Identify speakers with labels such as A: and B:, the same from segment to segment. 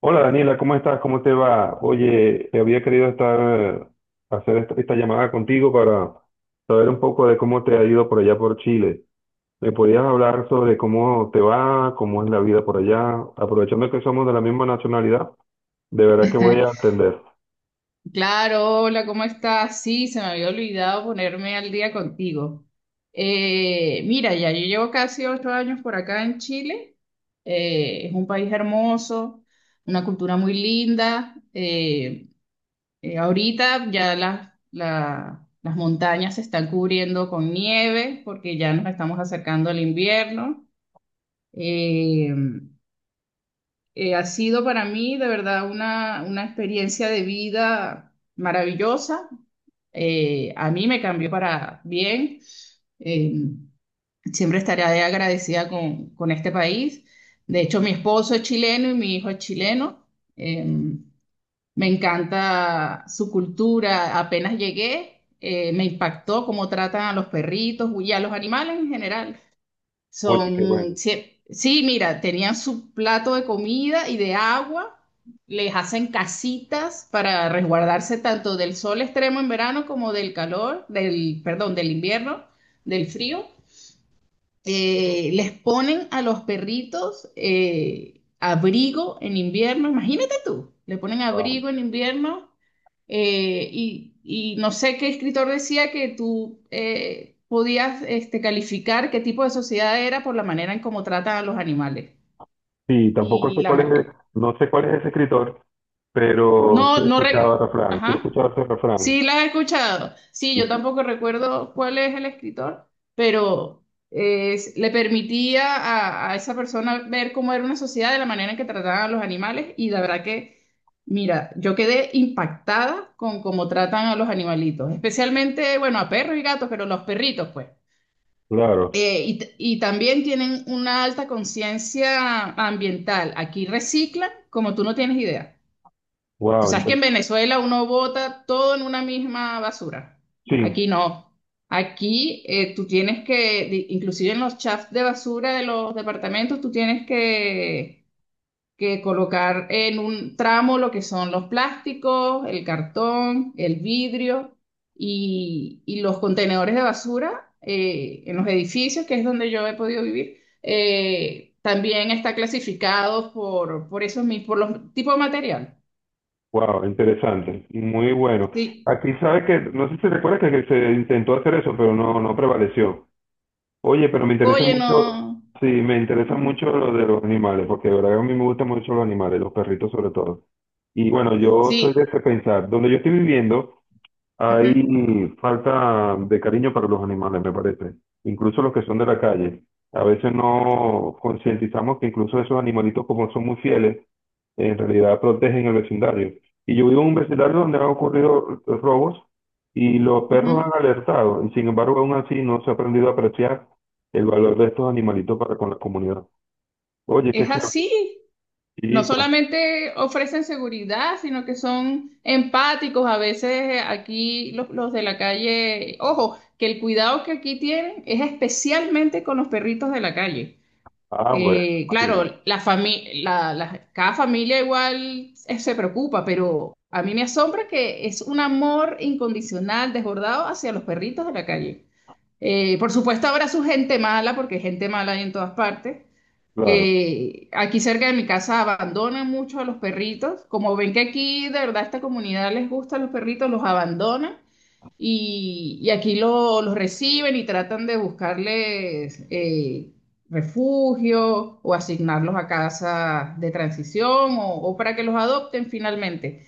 A: Hola Daniela, ¿cómo estás? ¿Cómo te va? Oye, te había querido hacer esta llamada contigo para saber un poco de cómo te ha ido por allá por Chile. ¿Me podías hablar sobre cómo te va, cómo es la vida por allá? Aprovechando que somos de la misma nacionalidad, de verdad que voy a atender.
B: Claro, hola, ¿cómo estás? Sí, se me había olvidado ponerme al día contigo. Mira, ya yo llevo casi 8 años por acá en Chile. Es un país hermoso, una cultura muy linda. Ahorita ya las montañas se están cubriendo con nieve porque ya nos estamos acercando al invierno. Eh, Ha sido para mí de verdad una experiencia de vida maravillosa. A mí me cambió para bien. Eh, Siempre estaré agradecida con este país. De hecho, mi esposo es chileno y mi hijo es chileno. Eh, Me encanta su cultura. Apenas llegué, me impactó cómo tratan a los perritos y a los animales en general.
A: Oye, qué bueno.
B: Son, sí, sí, mira, tenían su plato de comida y de agua, les hacen casitas para resguardarse tanto del sol extremo en verano como del calor, del, perdón, del invierno, del frío. Les ponen a los perritos abrigo en invierno, imagínate tú, le ponen
A: Ah,
B: abrigo en invierno. Y, y no sé qué escritor decía que tú podías este, calificar qué tipo de sociedad era por la manera en cómo tratan a los animales.
A: sí, tampoco
B: Y
A: sé
B: la...
A: cuál
B: ma-.
A: es, no sé cuál es ese escritor, pero sí
B: No,
A: he
B: no...
A: escuchado el
B: re-.
A: refrán, sí he
B: Ajá.
A: escuchado ese refrán.
B: Sí, las he escuchado. Sí, yo tampoco recuerdo cuál es el escritor, pero le permitía a esa persona ver cómo era una sociedad de la manera en que trataban a los animales y la verdad que, mira, yo quedé impactada con cómo tratan a los animalitos, especialmente, bueno, a perros y gatos, pero los perritos, pues.
A: Claro,
B: Y, y también tienen una alta conciencia ambiental. Aquí reciclan como tú no tienes idea. Tú
A: wow,
B: sabes que en Venezuela uno bota todo en una misma basura. Aquí
A: sí,
B: no. Aquí tú tienes que, di- inclusive en los chafs de basura de los departamentos, tú tienes que colocar en un tramo lo que son los plásticos, el cartón, el vidrio y los contenedores de basura en los edificios, que es donde yo he podido vivir. También está clasificado por esos mis- por los tipos de material.
A: wow, interesante, muy bueno.
B: Sí.
A: Aquí sabe que, no sé si recuerda que se intentó hacer eso, pero no, no prevaleció. Oye, pero me interesa
B: Oye,
A: mucho,
B: no.
A: sí, me interesa
B: Ajá.
A: mucho lo de los animales, porque de verdad a mí me gustan mucho los animales, los perritos sobre todo. Y bueno, yo soy de
B: Sí.
A: ese pensar, donde yo estoy viviendo
B: Ujú,
A: hay falta de cariño para los animales, me parece, incluso los que son de la calle. A veces no concientizamos que incluso esos animalitos, como son muy fieles, en realidad protegen el vecindario. Y yo vivo en un vecindario donde han ocurrido robos y los perros han
B: ujú.
A: alertado, y sin embargo aún así no se ha aprendido a apreciar el valor de estos animalitos para con la comunidad. Oye, qué
B: Es
A: chévere.
B: así. No
A: Sí,
B: solamente ofrecen seguridad, sino que son empáticos. A veces aquí los de la calle, ojo, que el cuidado que aquí tienen es especialmente con los perritos de la calle.
A: ah, bueno, imagínate,
B: Claro, la fami- la- la- cada familia igual se preocupa, pero a mí me asombra que es un amor incondicional, desbordado hacia los perritos de la calle. Por supuesto, habrá su gente mala, porque gente mala hay en todas partes,
A: claro.
B: que aquí cerca de mi casa abandonan mucho a los perritos. Como ven que aquí de verdad a esta comunidad les gusta a los perritos, los abandonan y aquí lo- los reciben y tratan de buscarles refugio o asignarlos a casas de transición o para que los adopten finalmente.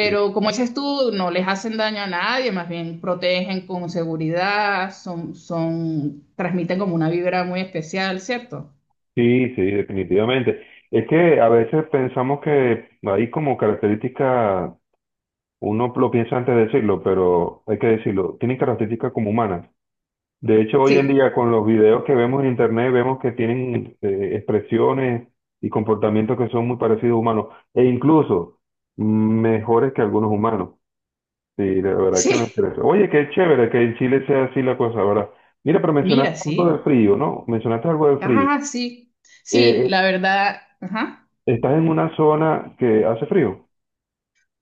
A: Sí,
B: como dices tú, no les hacen daño a nadie, más bien protegen con seguridad, son, son, transmiten como una vibra muy especial, ¿cierto?
A: sí, sí, definitivamente. Es que a veces pensamos que hay como características, uno lo piensa antes de decirlo, pero hay que decirlo, tienen características como humanas. De hecho, hoy en
B: Sí,
A: día con los videos que vemos en internet, vemos que tienen expresiones y comportamientos que son muy parecidos a humanos, e incluso mejores que algunos humanos. Sí, de verdad que me
B: sí,
A: interesa. Oye, qué chévere que en Chile sea así la cosa, ¿verdad? Mira, pero
B: mira,
A: mencionaste algo de
B: sí.
A: frío, ¿no? Mencionaste algo de frío.
B: Ajá, sí. Sí,
A: Eh,
B: la verdad, ajá.
A: ¿Estás en una zona que hace frío?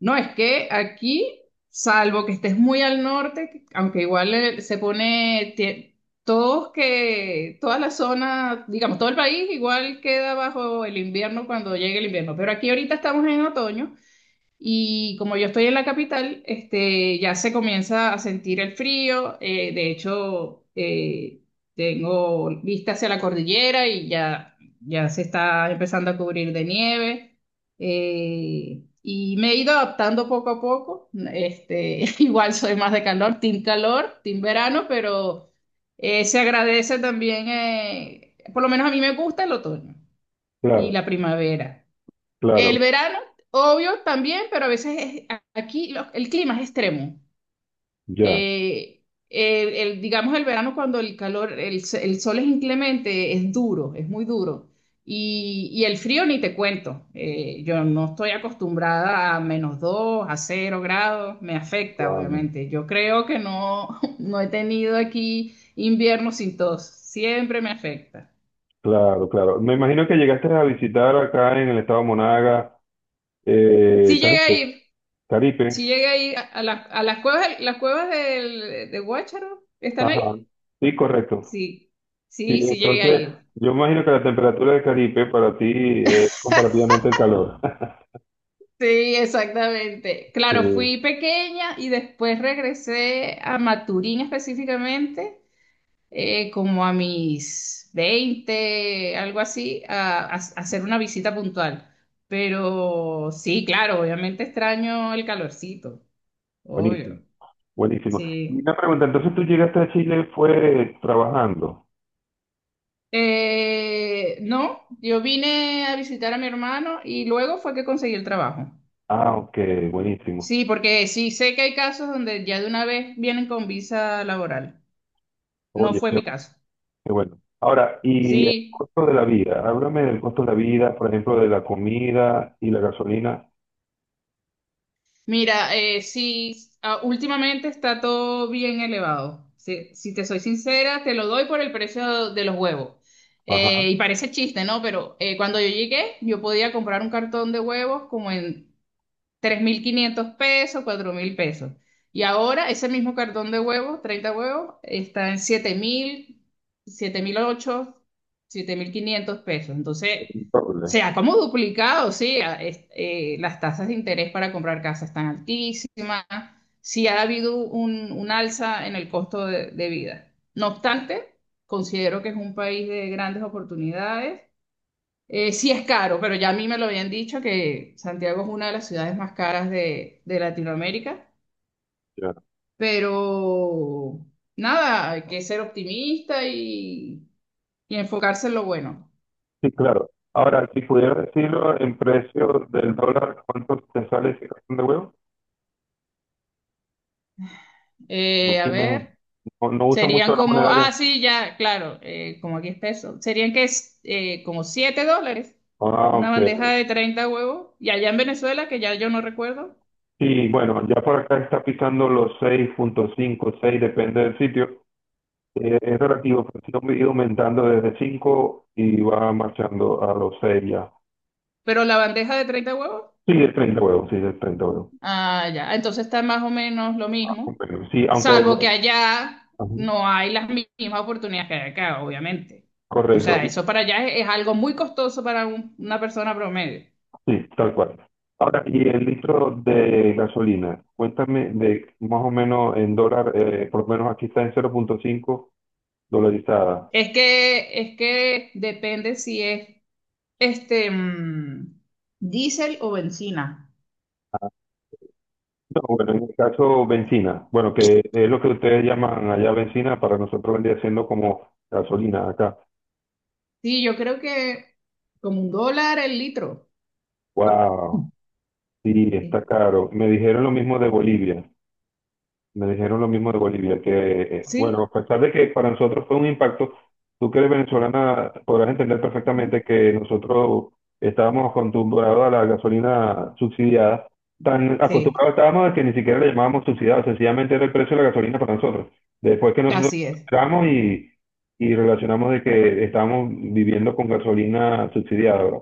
B: No, es que aquí, salvo que estés muy al norte, aunque igual se pone, tie- todos que, toda la zona, digamos, todo el país igual queda bajo el invierno cuando llegue el invierno, pero aquí ahorita estamos en otoño. Y como yo estoy en la capital, este, ya se comienza a sentir el frío. De hecho, tengo vista hacia la cordillera y ya, ya se está empezando a cubrir de nieve. Y me he ido adaptando poco a poco. Este, igual soy más de calor, team verano, pero se agradece también, por lo menos a mí me gusta el otoño y
A: Claro,
B: la primavera. El
A: claro,
B: verano, obvio, también, pero a veces es- aquí lo- el clima es extremo.
A: ya.
B: Eh, el- digamos el verano cuando el calor, el, s- el sol es inclemente, es duro, es muy duro. Y el frío ni te cuento. Yo no estoy acostumbrada a -2, a 0 grados, me afecta,
A: Guau,
B: obviamente. Yo creo que no, no he tenido aquí invierno sin tos, siempre me afecta.
A: claro, claro. Me imagino que llegaste a visitar acá en el estado Monaga,
B: Si llega a
A: Caripe,
B: ir, si
A: Caripe.
B: llega ahí a las cuevas del, de Guácharo, ¿están ahí?
A: Ajá. Sí, correcto.
B: Sí,
A: Sí,
B: sí, sí llegué a
A: entonces,
B: ir.
A: yo imagino que la temperatura de Caripe para ti es comparativamente el calor.
B: Sí, exactamente.
A: Sí,
B: Claro, fui pequeña y después regresé a Maturín específicamente, como a mis 20 algo así, a hacer una visita puntual. Pero sí, claro, obviamente extraño el calorcito,
A: buenísimo.
B: obvio.
A: Buenísimo.
B: Sí.
A: Una pregunta, entonces tú llegaste a Chile fue trabajando.
B: No, yo vine a visitar a mi hermano y luego fue que conseguí el trabajo.
A: Ah, ok, buenísimo.
B: Sí, porque sí sé que hay casos donde ya de una vez vienen con visa laboral. No
A: Oye,
B: fue
A: qué,
B: mi caso.
A: qué bueno. Ahora, y el
B: Sí,
A: costo de la vida, háblame del costo de la vida, por ejemplo, de la comida y la gasolina.
B: mira, sí, ah, últimamente está todo bien elevado. Si, si te soy sincera, te lo doy por el precio de los huevos.
A: Ajá,
B: Y parece chiste, ¿no? Pero cuando yo llegué, yo podía comprar un cartón de huevos como en 3.500 pesos, 4.000 pesos. Y ahora ese mismo cartón de huevos, 30 huevos, está en 7.000 7.008, 7.500 pesos. Entonces,
A: el doble.
B: se ha como duplicado, sí, a- es- las tasas de interés para comprar casa están altísimas, sí ha habido un alza en el costo de vida. No obstante, considero que es un país de grandes oportunidades. Sí es caro, pero ya a mí me lo habían dicho que Santiago es una de las ciudades más caras de Latinoamérica,
A: Ya.
B: pero nada, hay que ser optimista y enfocarse en lo bueno.
A: Sí, claro. Ahora, si pudiera decirlo en precio del dólar, ¿cuánto te sale ese cartón de huevo?
B: A
A: Porque no,
B: ver,
A: no, no usa
B: serían
A: mucho la
B: como,
A: moneda ya.
B: ah, sí, ya, claro, como aquí es peso, serían que es como 7 dólares
A: Ah,
B: una
A: ok.
B: bandeja de 30 huevos, y allá en Venezuela, que ya yo no recuerdo,
A: Sí, bueno, ya por acá está pisando los 6.5 seis, depende del sitio. Es relativo, pero sí ha ido aumentando desde 5 y va marchando a los 6 ya.
B: pero la bandeja de 30 huevos.
A: Sí, de 30 huevos, sí, de 30 huevos.
B: Ah, ya. Entonces está más o menos lo mismo,
A: Bueno, sí, aunque...
B: salvo que allá
A: Ajá,
B: no hay las mi- mismas oportunidades que hay acá, obviamente. O
A: correcto,
B: sea,
A: y-
B: eso para allá es algo muy costoso para un- una persona promedio.
A: sí, tal cual. Ahora, y el litro de gasolina, cuéntame de más o menos en dólar, por lo menos aquí está en 0.5 dolarizada.
B: Es que depende si es este diésel o bencina.
A: No, bueno, en el caso bencina, bueno, que es lo que ustedes llaman allá bencina, para nosotros vendría siendo como gasolina acá.
B: Sí, yo creo que como un dólar el litro.
A: Wow. Sí, está
B: Sí.
A: caro. Me dijeron lo mismo de Bolivia. Me dijeron lo mismo de Bolivia, que, bueno, a
B: Sí,
A: pesar de que para nosotros fue un impacto, tú que eres venezolana podrás entender perfectamente
B: ujú.
A: que nosotros estábamos acostumbrados a la gasolina subsidiada, tan acostumbrados
B: Sí,
A: estábamos a que ni siquiera le llamábamos subsidiada, sencillamente era el precio de la gasolina para nosotros. Después que nosotros
B: así es.
A: entramos y relacionamos de que estábamos viviendo con gasolina subsidiada,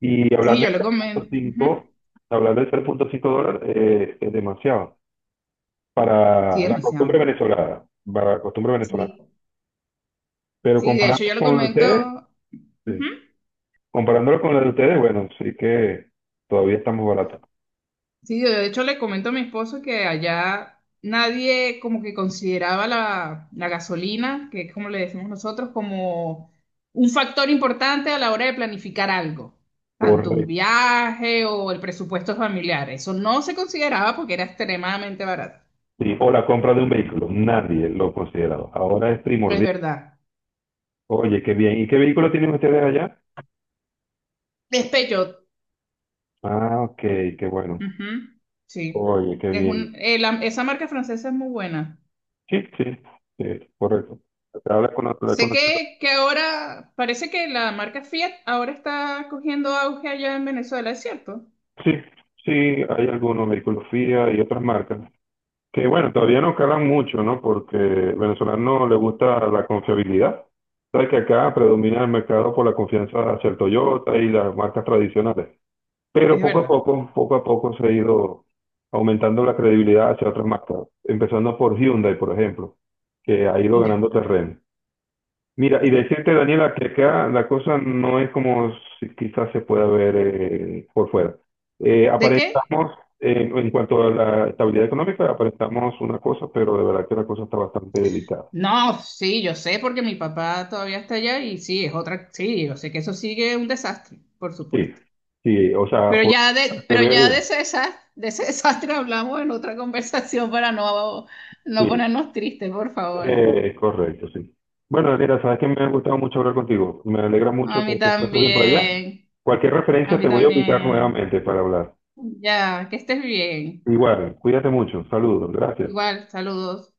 A: y hablar
B: Sí,
A: de
B: yo lo comento. Ujú.
A: 3.5, hablar de 3.5 dólares es demasiado
B: Sí,
A: para la costumbre
B: demasiado.
A: venezolana, para la costumbre venezolana.
B: Sí.
A: Pero
B: Sí, de hecho
A: comparando
B: yo le
A: con la de ustedes,
B: comento, ujú.
A: sí. Comparándolo con la de ustedes, bueno, sí que todavía estamos baratos.
B: Sí, de hecho le comento a mi esposo que allá nadie como que consideraba la, la gasolina, que es como le decimos nosotros, como un factor importante a la hora de planificar algo, tanto un
A: Correcto.
B: viaje o el presupuesto familiar. Eso no se consideraba porque era extremadamente barato.
A: Sí, o la compra de un vehículo, nadie lo considera. Ahora es
B: Es
A: primordial.
B: verdad.
A: Oye, qué bien. ¿Y qué vehículo tienen ustedes allá?
B: Despecho.
A: Ah, ok, qué bueno.
B: Ujú, Sí.
A: Oye, qué
B: Es
A: bien.
B: un, la- esa marca francesa es muy buena.
A: Sí, sí, sí, correcto. Habla con la, habla con
B: Sé
A: la.
B: que ahora parece que la marca Fiat ahora está cogiendo auge allá en Venezuela, ¿es cierto?
A: Sí, sí, hay algunos, Mericulofía y otras marcas, que bueno, todavía no calan mucho, ¿no? Porque al venezolano le gusta la confiabilidad. Sabes que acá predomina el mercado por la confianza hacia el Toyota y las marcas tradicionales. Pero
B: Es verdad.
A: poco a poco se ha ido aumentando la credibilidad hacia otras marcas, empezando por Hyundai, por ejemplo, que ha ido
B: Ya,
A: ganando terreno. Mira, y
B: ya.
A: decirte, Daniela, que acá la cosa no es como si quizás se pueda ver por fuera.
B: ¿De qué?
A: Aparentamos, en cuanto a la estabilidad económica, aparentamos una cosa, pero de verdad que la cosa está bastante delicada.
B: No, sí, yo sé porque mi papá todavía está allá y sí, es otra, sí, yo sé que eso sigue un desastre, por
A: Sí,
B: supuesto.
A: sí, o sea, por se
B: Pero ya
A: ve,
B: de ese desastre, de ese desastre hablamos en otra conversación para no, no
A: sí,
B: ponernos tristes, por favor.
A: es correcto, sí. Bueno, Daniela, sabes que me ha gustado mucho hablar contigo. Me alegra
B: A
A: mucho que
B: mí
A: te encuentres bien por allá.
B: también,
A: Cualquier
B: a
A: referencia
B: mí
A: te voy a ubicar
B: también.
A: nuevamente para hablar.
B: Ya, que estés bien.
A: Igual, cuídate mucho. Saludos, gracias.
B: Igual, saludos.